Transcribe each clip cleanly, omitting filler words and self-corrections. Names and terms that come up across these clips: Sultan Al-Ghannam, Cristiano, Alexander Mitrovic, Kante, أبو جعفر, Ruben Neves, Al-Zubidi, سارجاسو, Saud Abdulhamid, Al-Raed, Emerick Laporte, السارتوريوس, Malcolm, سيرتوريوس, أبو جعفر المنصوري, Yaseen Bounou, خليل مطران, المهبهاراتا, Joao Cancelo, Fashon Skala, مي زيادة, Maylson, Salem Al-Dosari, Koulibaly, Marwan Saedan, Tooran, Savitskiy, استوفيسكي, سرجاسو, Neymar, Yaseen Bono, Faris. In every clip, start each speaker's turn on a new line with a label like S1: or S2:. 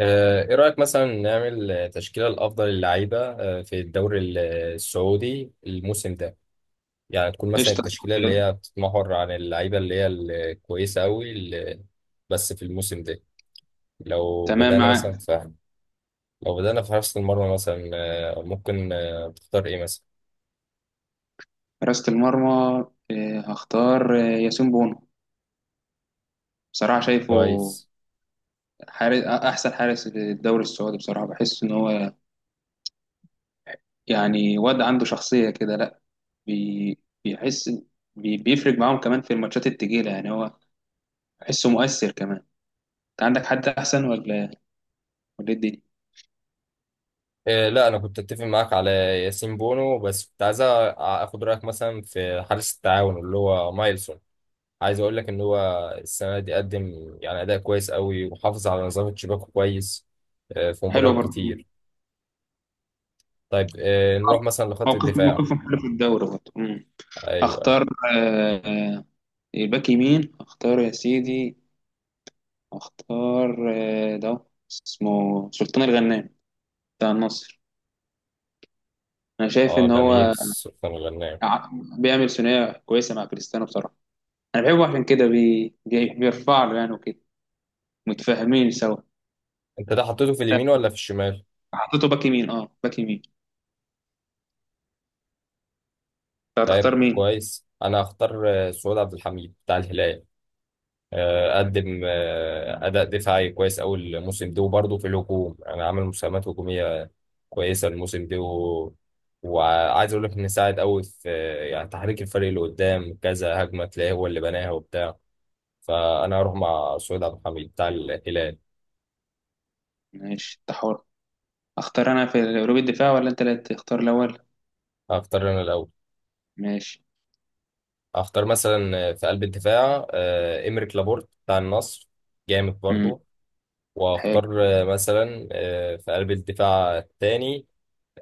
S1: ايه رأيك مثلا نعمل تشكيلة الافضل للعيبة في الدوري السعودي الموسم ده. يعني تكون مثلا
S2: قشطة.
S1: التشكيلة اللي هي بتتمحور عن اللعيبة اللي هي الكويسة قوي اللي بس في الموسم ده. لو
S2: تمام
S1: بدأنا مثلا
S2: معاك.
S1: في لو بدأنا في حراسة المرمى مثلا. ممكن تختار ايه مثلا؟
S2: حراسة المرمى، هختار ياسين بونو. بصراحة شايفه
S1: كويس.
S2: أحسن حارس في الدوري السعودي بصراحة. بحس إن هو يعني واد عنده شخصية كده، لأ. بي بيحس، بيفرق معاهم كمان في الماتشات التقيلة، يعني هو بحسه مؤثر كمان. أنت عندك حد أحسن ولا إيه الدنيا؟
S1: لا انا كنت اتفق معاك على ياسين بونو، بس كنت عايز اخد رأيك مثلا في حارس التعاون اللي هو مايلسون. عايز اقول لك ان هو السنه دي قدم يعني اداء كويس قوي، وحافظ على نظام تشيباكو كويس في
S2: حلو
S1: مباريات
S2: برضه. مم.
S1: كتير. طيب، نروح مثلا لخط الدفاع.
S2: موقفهم حلو في الدوري برضه. مم.
S1: ايوه، أيوة.
S2: أختار آه، آه، الباك يمين. أختار يا سيدي، اختار ده، اسمه سلطان الغنام بتاع النصر. انا شايف
S1: اه،
S2: ان
S1: جميل.
S2: هو
S1: سلطان غنام.
S2: ع- بيعمل ثنائيه كويسه مع كريستيانو بصراحه. انا بحبه عشان كده بيرفع له يعني وكده، متفاهمين سوا.
S1: انت ده حطيته في اليمين
S2: آه،
S1: ولا في الشمال؟
S2: حطيته باك يمين، اه باك يمين. انت
S1: طيب،
S2: هتختار مين؟
S1: كويس. انا هختار سعود عبد الحميد بتاع الهلال. قدم اداء دفاعي كويس قوي الموسم ده، وبرضه في الهجوم انا عامل مساهمات هجوميه كويسه الموسم ده و وعايز اقول لك ان ساعد قوي في يعني تحريك الفريق اللي قدام، كذا هجمه تلاقيه هو اللي بناها وبتاع. فانا هروح مع سعود عبد الحميد بتاع الهلال.
S2: ماشي، انت حر. اختار انا في قلوب الدفاع ولا انت اللي تختار الاول؟
S1: هختار انا الاول.
S2: ماشي.
S1: هختار مثلا في قلب الدفاع إمريك لابورت بتاع النصر. جامد
S2: امم
S1: برضه.
S2: حلو.
S1: واختار مثلا في قلب الدفاع الثاني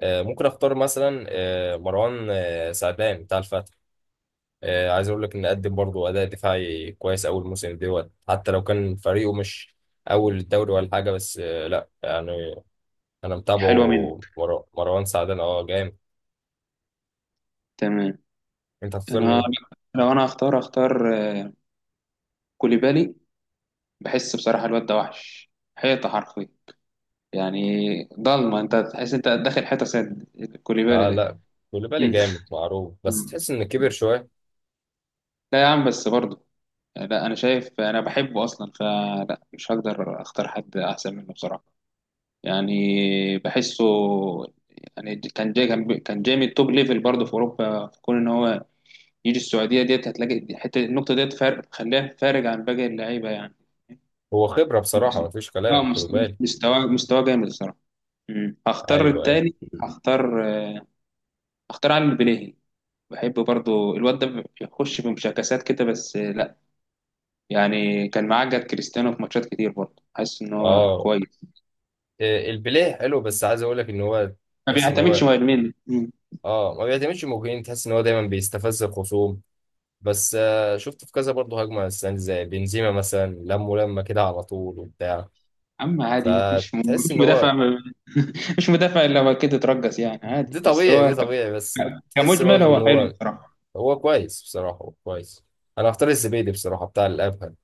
S1: ممكن اختار مثلا مروان سعدان بتاع الفتح. عايز اقول لك ان قدم برضه اداء دفاعي كويس اول موسم دوت، حتى لو كان فريقه مش اول الدوري ولا حاجه. بس لا يعني انا
S2: حلوه
S1: متابعه
S2: منك.
S1: مروان سعدان. اه، جامد.
S2: تمام.
S1: انت هتختار
S2: انا
S1: مين؟
S2: لو انا هختار، اختار كوليبالي. بحس بصراحه الواد ده وحش، حيطه حرفيا يعني. ضلمه، انت تحس انت داخل حته سد، الكوليبالي
S1: اه،
S2: ده.
S1: لا. كوليبالي
S2: مم.
S1: جامد معروف، بس
S2: مم.
S1: تحس ان كبر شويه.
S2: لا يا عم، بس برضه لا، انا شايف، انا بحبه اصلا، فلا مش هقدر اختار حد احسن منه بصراحه يعني. بحسه يعني كان جاي، كان جاي من التوب ليفل برضه في اوروبا. في كون ان هو يجي السعوديه ديت، هتلاقي حته النقطه ديت فارق، خلاه فارق عن باقي اللعيبه يعني.
S1: هو خبره بصراحه، مفيش
S2: اه
S1: كلام.
S2: مست-
S1: كوليبالي.
S2: مستواه مستواه جامد الصراحه. مم. هختار
S1: ايوه، ايوه.
S2: التاني. هختار آه، هختار علي البليهي. بحب برضو الواد ده، بيخش بمشاكسات كده بس لا يعني، كان معاه جد كريستيانو في ماتشات كتير برضو. حاسس ان هو
S1: اه.
S2: كويس.
S1: البليه حلو، بس عايز اقول لك ان هو،
S2: ما
S1: تحس ان
S2: بيعتمدش
S1: هو،
S2: مهاجمين. مم.
S1: اه، ما بيعتمدش مجهود. تحس ان هو دايما بيستفز الخصوم، بس شفت في كذا برضه هجمة السنة دي زي بنزيما مثلا لم ولما كده على طول وبتاع.
S2: اما عادي، مفيش
S1: فتحس
S2: مفيش
S1: ان هو
S2: مدافع مش مدافع الا هو كده اترجس يعني
S1: دي
S2: عادي. بس
S1: طبيعي،
S2: هو
S1: دي طبيعي بس. تحس
S2: كمجمل
S1: برضه ان
S2: هو حلو
S1: هو
S2: بصراحة.
S1: هو كويس بصراحة. هو كويس. انا هختار الزبيدي بصراحة، بتاع الابهل.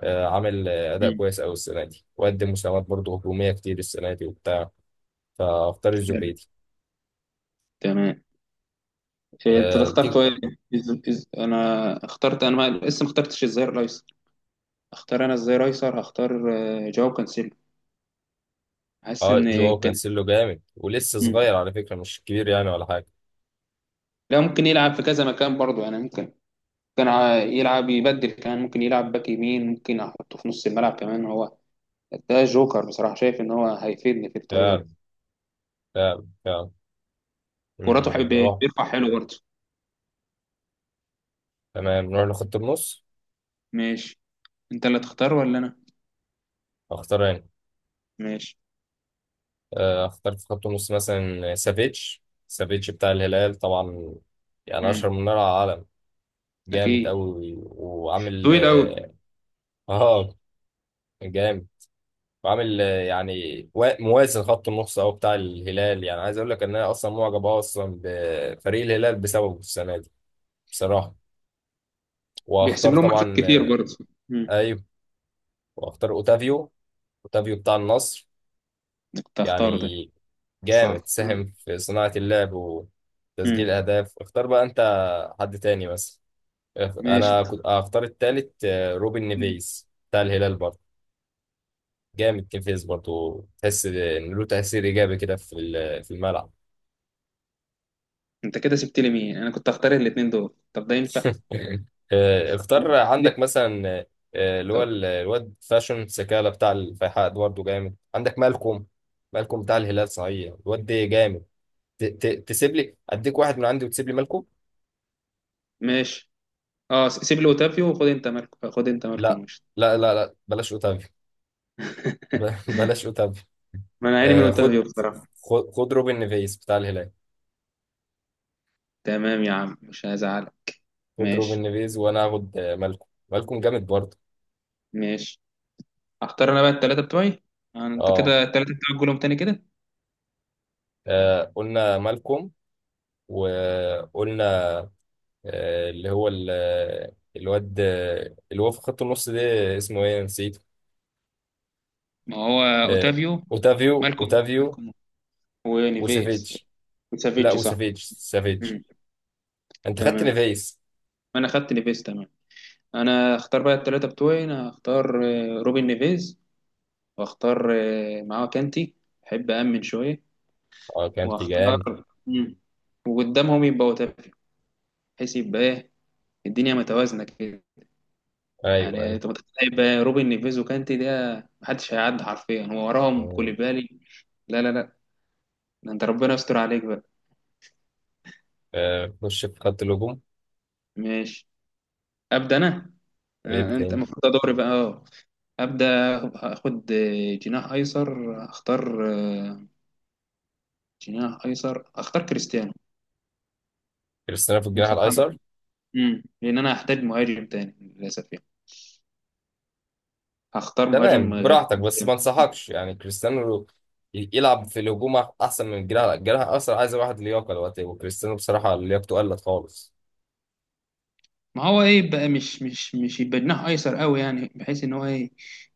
S1: عامل اداء
S2: مم.
S1: كويس قوي السنة دي، وقدم مساهمات برضه هجومية كتير السنة دي وبتاع. فاختار
S2: حلو.
S1: الزبيدي.
S2: تمام. إيه، انت اخترت
S1: تيجي.
S2: ايه؟ انا اخترت، انا ما لسه ما اخترتش الظهير الايسر. اختار انا الظهير الايسر. هختار جواو كانسيلو. حاسس
S1: اه،
S2: ان
S1: جواو
S2: كان.
S1: كانسيلو جامد، ولسه
S2: مم.
S1: صغير على فكرة، مش كبير يعني ولا حاجة.
S2: لا ممكن يلعب في كذا مكان برضه يعني. ممكن يلعب، يبدل كمان ممكن يلعب باك يمين، ممكن احطه في نص الملعب كمان. هو ده جوكر بصراحة، شايف ان هو هيفيدني في الطريقة دي.
S1: فعلا، فعلا، فعلا.
S2: كوراته
S1: مم،
S2: حب،
S1: نروح
S2: بيرفع حلو برضه.
S1: تمام، نروح لخط النص.
S2: ماشي. انت اللي تختار ولا انا؟
S1: اختار انا.
S2: ماشي.
S1: اختار في خط النص مثلا سافيتش بتاع الهلال طبعا. يعني
S2: امم
S1: اشهر من نار على العالم. جامد
S2: اكيد،
S1: قوي وعامل،
S2: طويل قوي.
S1: اه، آه، جامد. وعامل يعني موازن خط النص او بتاع الهلال. يعني عايز اقول لك ان انا اصلا معجب أوي اصلا بفريق الهلال بسببه السنه دي بصراحه.
S2: بيحسب
S1: واختار
S2: لهم ماتشات
S1: طبعا.
S2: كتير برضه. امم
S1: ايوه. واختار اوتافيو. اوتافيو بتاع النصر.
S2: كنت هختاره ده.
S1: يعني جامد،
S2: اختار. مم.
S1: ساهم في صناعة اللعب وتسجيل
S2: مم.
S1: الأهداف. اختار بقى أنت حد تاني بس.
S2: ماشي.
S1: أنا كنت أختار التالت روبن نيفيز بتاع الهلال برضه. جامد نيفيز برضه، تحس إن له تأثير إيجابي كده في الملعب.
S2: انت كده سبت لي مين؟ انا كنت هختار الاثنين دول، طب ده ينفع؟
S1: اختار
S2: لا.
S1: عندك مثلا اللي هو
S2: طب
S1: الواد فاشون سكالة بتاع الفيحاء ده برضه جامد. عندك مالكوم. مالكوم بتاع الهلال صحيح، الواد ده جامد. تسيب لي، أديك واحد من عندي وتسيب لي مالكوم.
S2: ماشي، اه سيب لي اوتافيو وخد انت مالكم. خد انت مالكم
S1: لا،
S2: مش،
S1: لا، لا. لا بلاش أوتافي. بلاش اوتافيو.
S2: ما انا عيني من
S1: آه، خد
S2: اوتافيو بصراحه.
S1: خد خد روبن نيفيز بتاع الهلال.
S2: تمام يا عم، مش هزعلك.
S1: خد روبن
S2: ماشي.
S1: نيفيز، وانا هاخد مالكم. مالكم جامد برضه.
S2: ماشي. اختار انا بقى الثلاثه بتوعي، يعني انت
S1: اه.
S2: كده الثلاثه بتوعك قولهم تاني كده.
S1: قلنا مالكم، وقلنا اللي هو الواد اللي هو في خط النص ده، اسمه ايه؟ نسيت.
S2: ما هو
S1: آه،
S2: اوتافيو،
S1: اوتافيو
S2: مالكم
S1: اوتافيو
S2: مالكم ونيفيس
S1: وسافيتش. لا،
S2: وسافيتش، صح.
S1: وسافيتش.
S2: مم.
S1: انت خدت
S2: تمام.
S1: نيفيز.
S2: انا خدت نيفيس، تمام. انا اختار بقى الثلاثه بتوعي. انا اختار روبن نيفيز، واختار معاه كانتي، احب امن شويه.
S1: اه، كانت جامد.
S2: واختار. مم. وقدامهم يبقى اوتافيو، بحيث يبقى ايه، الدنيا متوازنه كده.
S1: ايوه،
S2: يعني
S1: ايوه.
S2: انت متخيل بقى روبن نيفيز وكانتي ده؟ محدش هيعدي حرفيا، هو وراهم كوليبالي. لا لا لا، ده انت ربنا يستر عليك بقى.
S1: خش في خط الهجوم.
S2: ماشي. ابدا انا.
S1: ابدا
S2: انت
S1: انت.
S2: المفروض، ادوري بقى اه. ابدا اخد جناح ايسر. اختار جناح ايسر، اختار كريستيانو
S1: كريستيانو في الجناح
S2: بصراحه.
S1: الايسر؟
S2: امم، لان انا هحتاج مهاجم تاني للاسف يعني، هختار
S1: تمام،
S2: مهاجم غير
S1: براحتك. بس
S2: كريستيانو.
S1: ما انصحكش، يعني كريستيانو يلعب في الهجوم احسن من الجناح. الجناح اصلا عايز واحد لياقه دلوقتي، وكريستيانو بصراحه لياقته قلت خالص.
S2: ما هو ايه بقى، مش يبقى جناح ايسر قوي يعني، بحيث ان هو ايه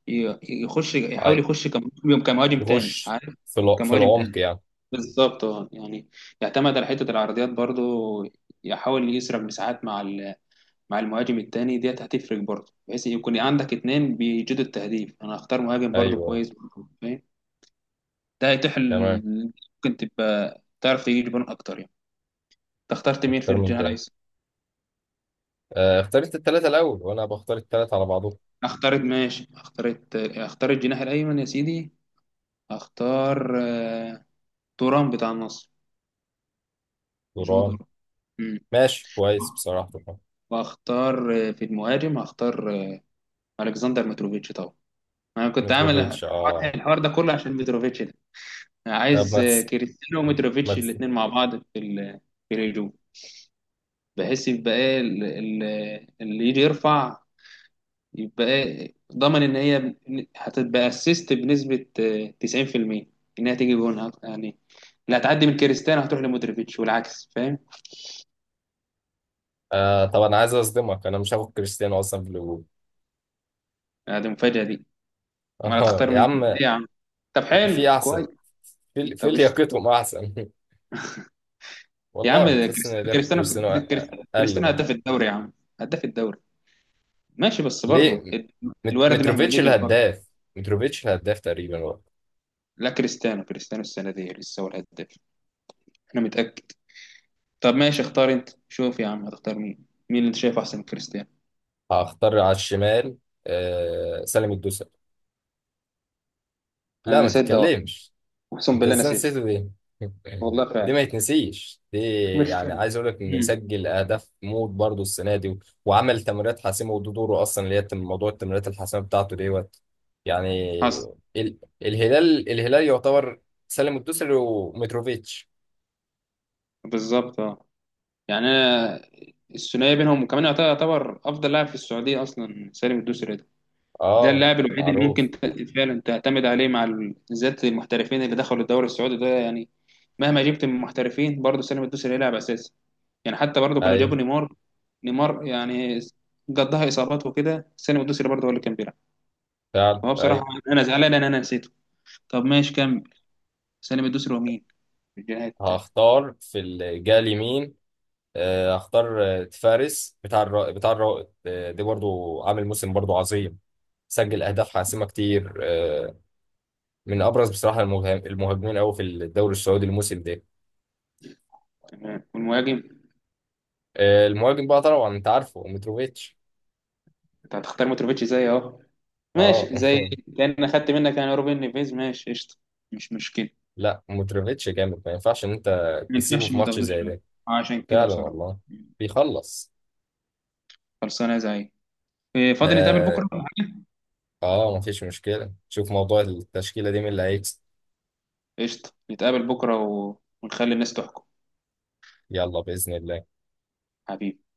S2: يخش،
S1: اي.
S2: يحاول يخش كمهاجم تاني،
S1: يخش
S2: عارف؟
S1: في
S2: كمهاجم
S1: العمق
S2: تاني
S1: يعني.
S2: بالظبط اه يعني، يعتمد على حته العرضيات برضو، يحاول يسرق مساحات مع مع المهاجم التاني ديت، هتفرق برضو، بحيث يكون عندك اتنين بيجيدوا التهديف. انا هختار مهاجم برضو
S1: ايوه.
S2: كويس برضو، فاهم؟ ده هيتيح
S1: تمام.
S2: ممكن تبقى تعرف تجيب جون اكتر يعني. انت اخترت مين في
S1: اختار من
S2: الجناح
S1: تاني.
S2: الايسر؟
S1: اختار انت التلاته الاول، وانا بختار التلاته على بعضهم.
S2: اخترت، ماشي، اخترت الجناح الايمن يا سيدي. اختار توران بتاع النصر، جو
S1: دوران.
S2: دوران. مم.
S1: ماشي، كويس بصراحه طبعا.
S2: واختار في المهاجم هختار الكسندر متروفيتش طبعا. انا كنت عامل
S1: متروفيتش، اه.
S2: الحوار، الحوار ده كله عشان متروفيتش ده. أنا
S1: طب،
S2: عايز
S1: ما تس...
S2: كريستيانو
S1: ما
S2: ومتروفيتش
S1: تس...
S2: الاثنين مع بعض في في الهجوم، بحيث يبقى ايه اللي يجي يرفع، يبقى ايه ضمن ان هي هتبقى اسيست بنسبة 90% انها تيجي جون يعني. اللي هتعدي من كريستيانو هتروح لمتروفيتش والعكس، فاهم؟
S1: طب، انا عايز اصدمك، انا مش هاخد كريستيانو اصلا في الهجوم.
S2: هذه المفاجأة دي. ولا
S1: اه،
S2: تختار
S1: يا
S2: مين،
S1: عم.
S2: ايه يا عم؟ طب
S1: في
S2: حلو
S1: احسن.
S2: كويس.
S1: في
S2: طب قشطة.
S1: لياقتهم احسن.
S2: يا عم
S1: والله تحس ان
S2: كريستيانو،
S1: ده
S2: كريستيانو
S1: كريستيانو.
S2: كريستيانو
S1: قل
S2: كريستيانو
S1: برضه.
S2: هداف الدوري يا عم، هداف الدوري. ماشي بس برضه
S1: ليه؟
S2: الورد مهما ليه
S1: متروفيتش
S2: بالبركه.
S1: الهداف. متروفيتش الهداف تقريبا برضه.
S2: لا كريستيانو، كريستيانو السنه دي لسه هو الهداف، انا متاكد. طب ماشي، اختار انت، شوف يا عم هتختار مين اللي انت شايفه احسن من كريستيانو.
S1: هختار على الشمال. آه، سالم الدوسري. لا،
S2: انا
S1: ما
S2: نسيت ده والله،
S1: تتكلمش.
S2: اقسم
S1: انت
S2: بالله
S1: ازاي
S2: نسيت.
S1: نسيته دي؟
S2: والله
S1: دي ما
S2: فعلا.
S1: يتنسيش دي.
S2: مش
S1: يعني
S2: مشكلة.
S1: عايز اقول لك ان
S2: امم.
S1: سجل اهداف موت برضه السنه دي وعمل تمريرات حاسمه، وده دوره اصلا اللي هي موضوع التمريرات الحاسمه بتاعته ديت يعني.
S2: حصل.
S1: الهلال يعتبر. سالم الدوسري ومتروفيتش.
S2: بالظبط اه يعني، انا الثنائيه بينهم، وكمان يعتبر، يعتبر افضل لاعب في السعوديه اصلا سالم الدوسري ده. ده
S1: اه.
S2: اللاعب الوحيد اللي
S1: معروف.
S2: ممكن فعلا تعتمد عليه مع بالذات المحترفين اللي دخلوا الدوري السعودي ده يعني. مهما جبت من محترفين برضه، سالم الدوسري هيلعب اساسي. يعني حتى برضه كانوا
S1: ايوه.
S2: جابوا نيمار. نيمار يعني قضاها اصابات وكده، سالم الدوسري برضه هو اللي كان بيلعب.
S1: فعلا،
S2: فهو بصراحه،
S1: ايوه.
S2: انا زعلان ان انا نسيته. طب ماشي، كمل. سالم الدوسري ومين في الجهه التانيه؟
S1: هختار في الجهه اليمين. هختار فارس بتاع الرائد، ده برضو عامل موسم برضو عظيم. سجل اهداف حاسمه كتير، من ابرز بصراحه المهاجمين قوي في الدوري السعودي الموسم ده.
S2: تمام، والمهاجم؟
S1: المهاجم بقى طبعا، انت عارفه، متروفيتش.
S2: انت هتختار متروفيتش زي اهو؟
S1: اه.
S2: ماشي زي، كأن أخدت منك يعني روبن نيفيز. ماشي قشطة، مش مشكلة.
S1: لا، متروفيتش جامد، ما ينفعش ان انت
S2: ما
S1: تسيبه
S2: ينفعش،
S1: في
S2: ما
S1: ماتش
S2: تاخدوش
S1: زي
S2: بالك.
S1: ده.
S2: عشان كده
S1: فعلا،
S2: بصراحة.
S1: والله. بيخلص.
S2: خلصانة يا زعيم. إيه، فاضي نتقابل
S1: آه،
S2: بكرة ولا حاجة؟
S1: اه، مفيش مشكلة. شوف موضوع التشكيلة دي مين اللي هيكسب.
S2: قشطة، نتقابل بكرة و... ونخلي الناس تحكم.
S1: يلا، بإذن الله.
S2: حبيبي.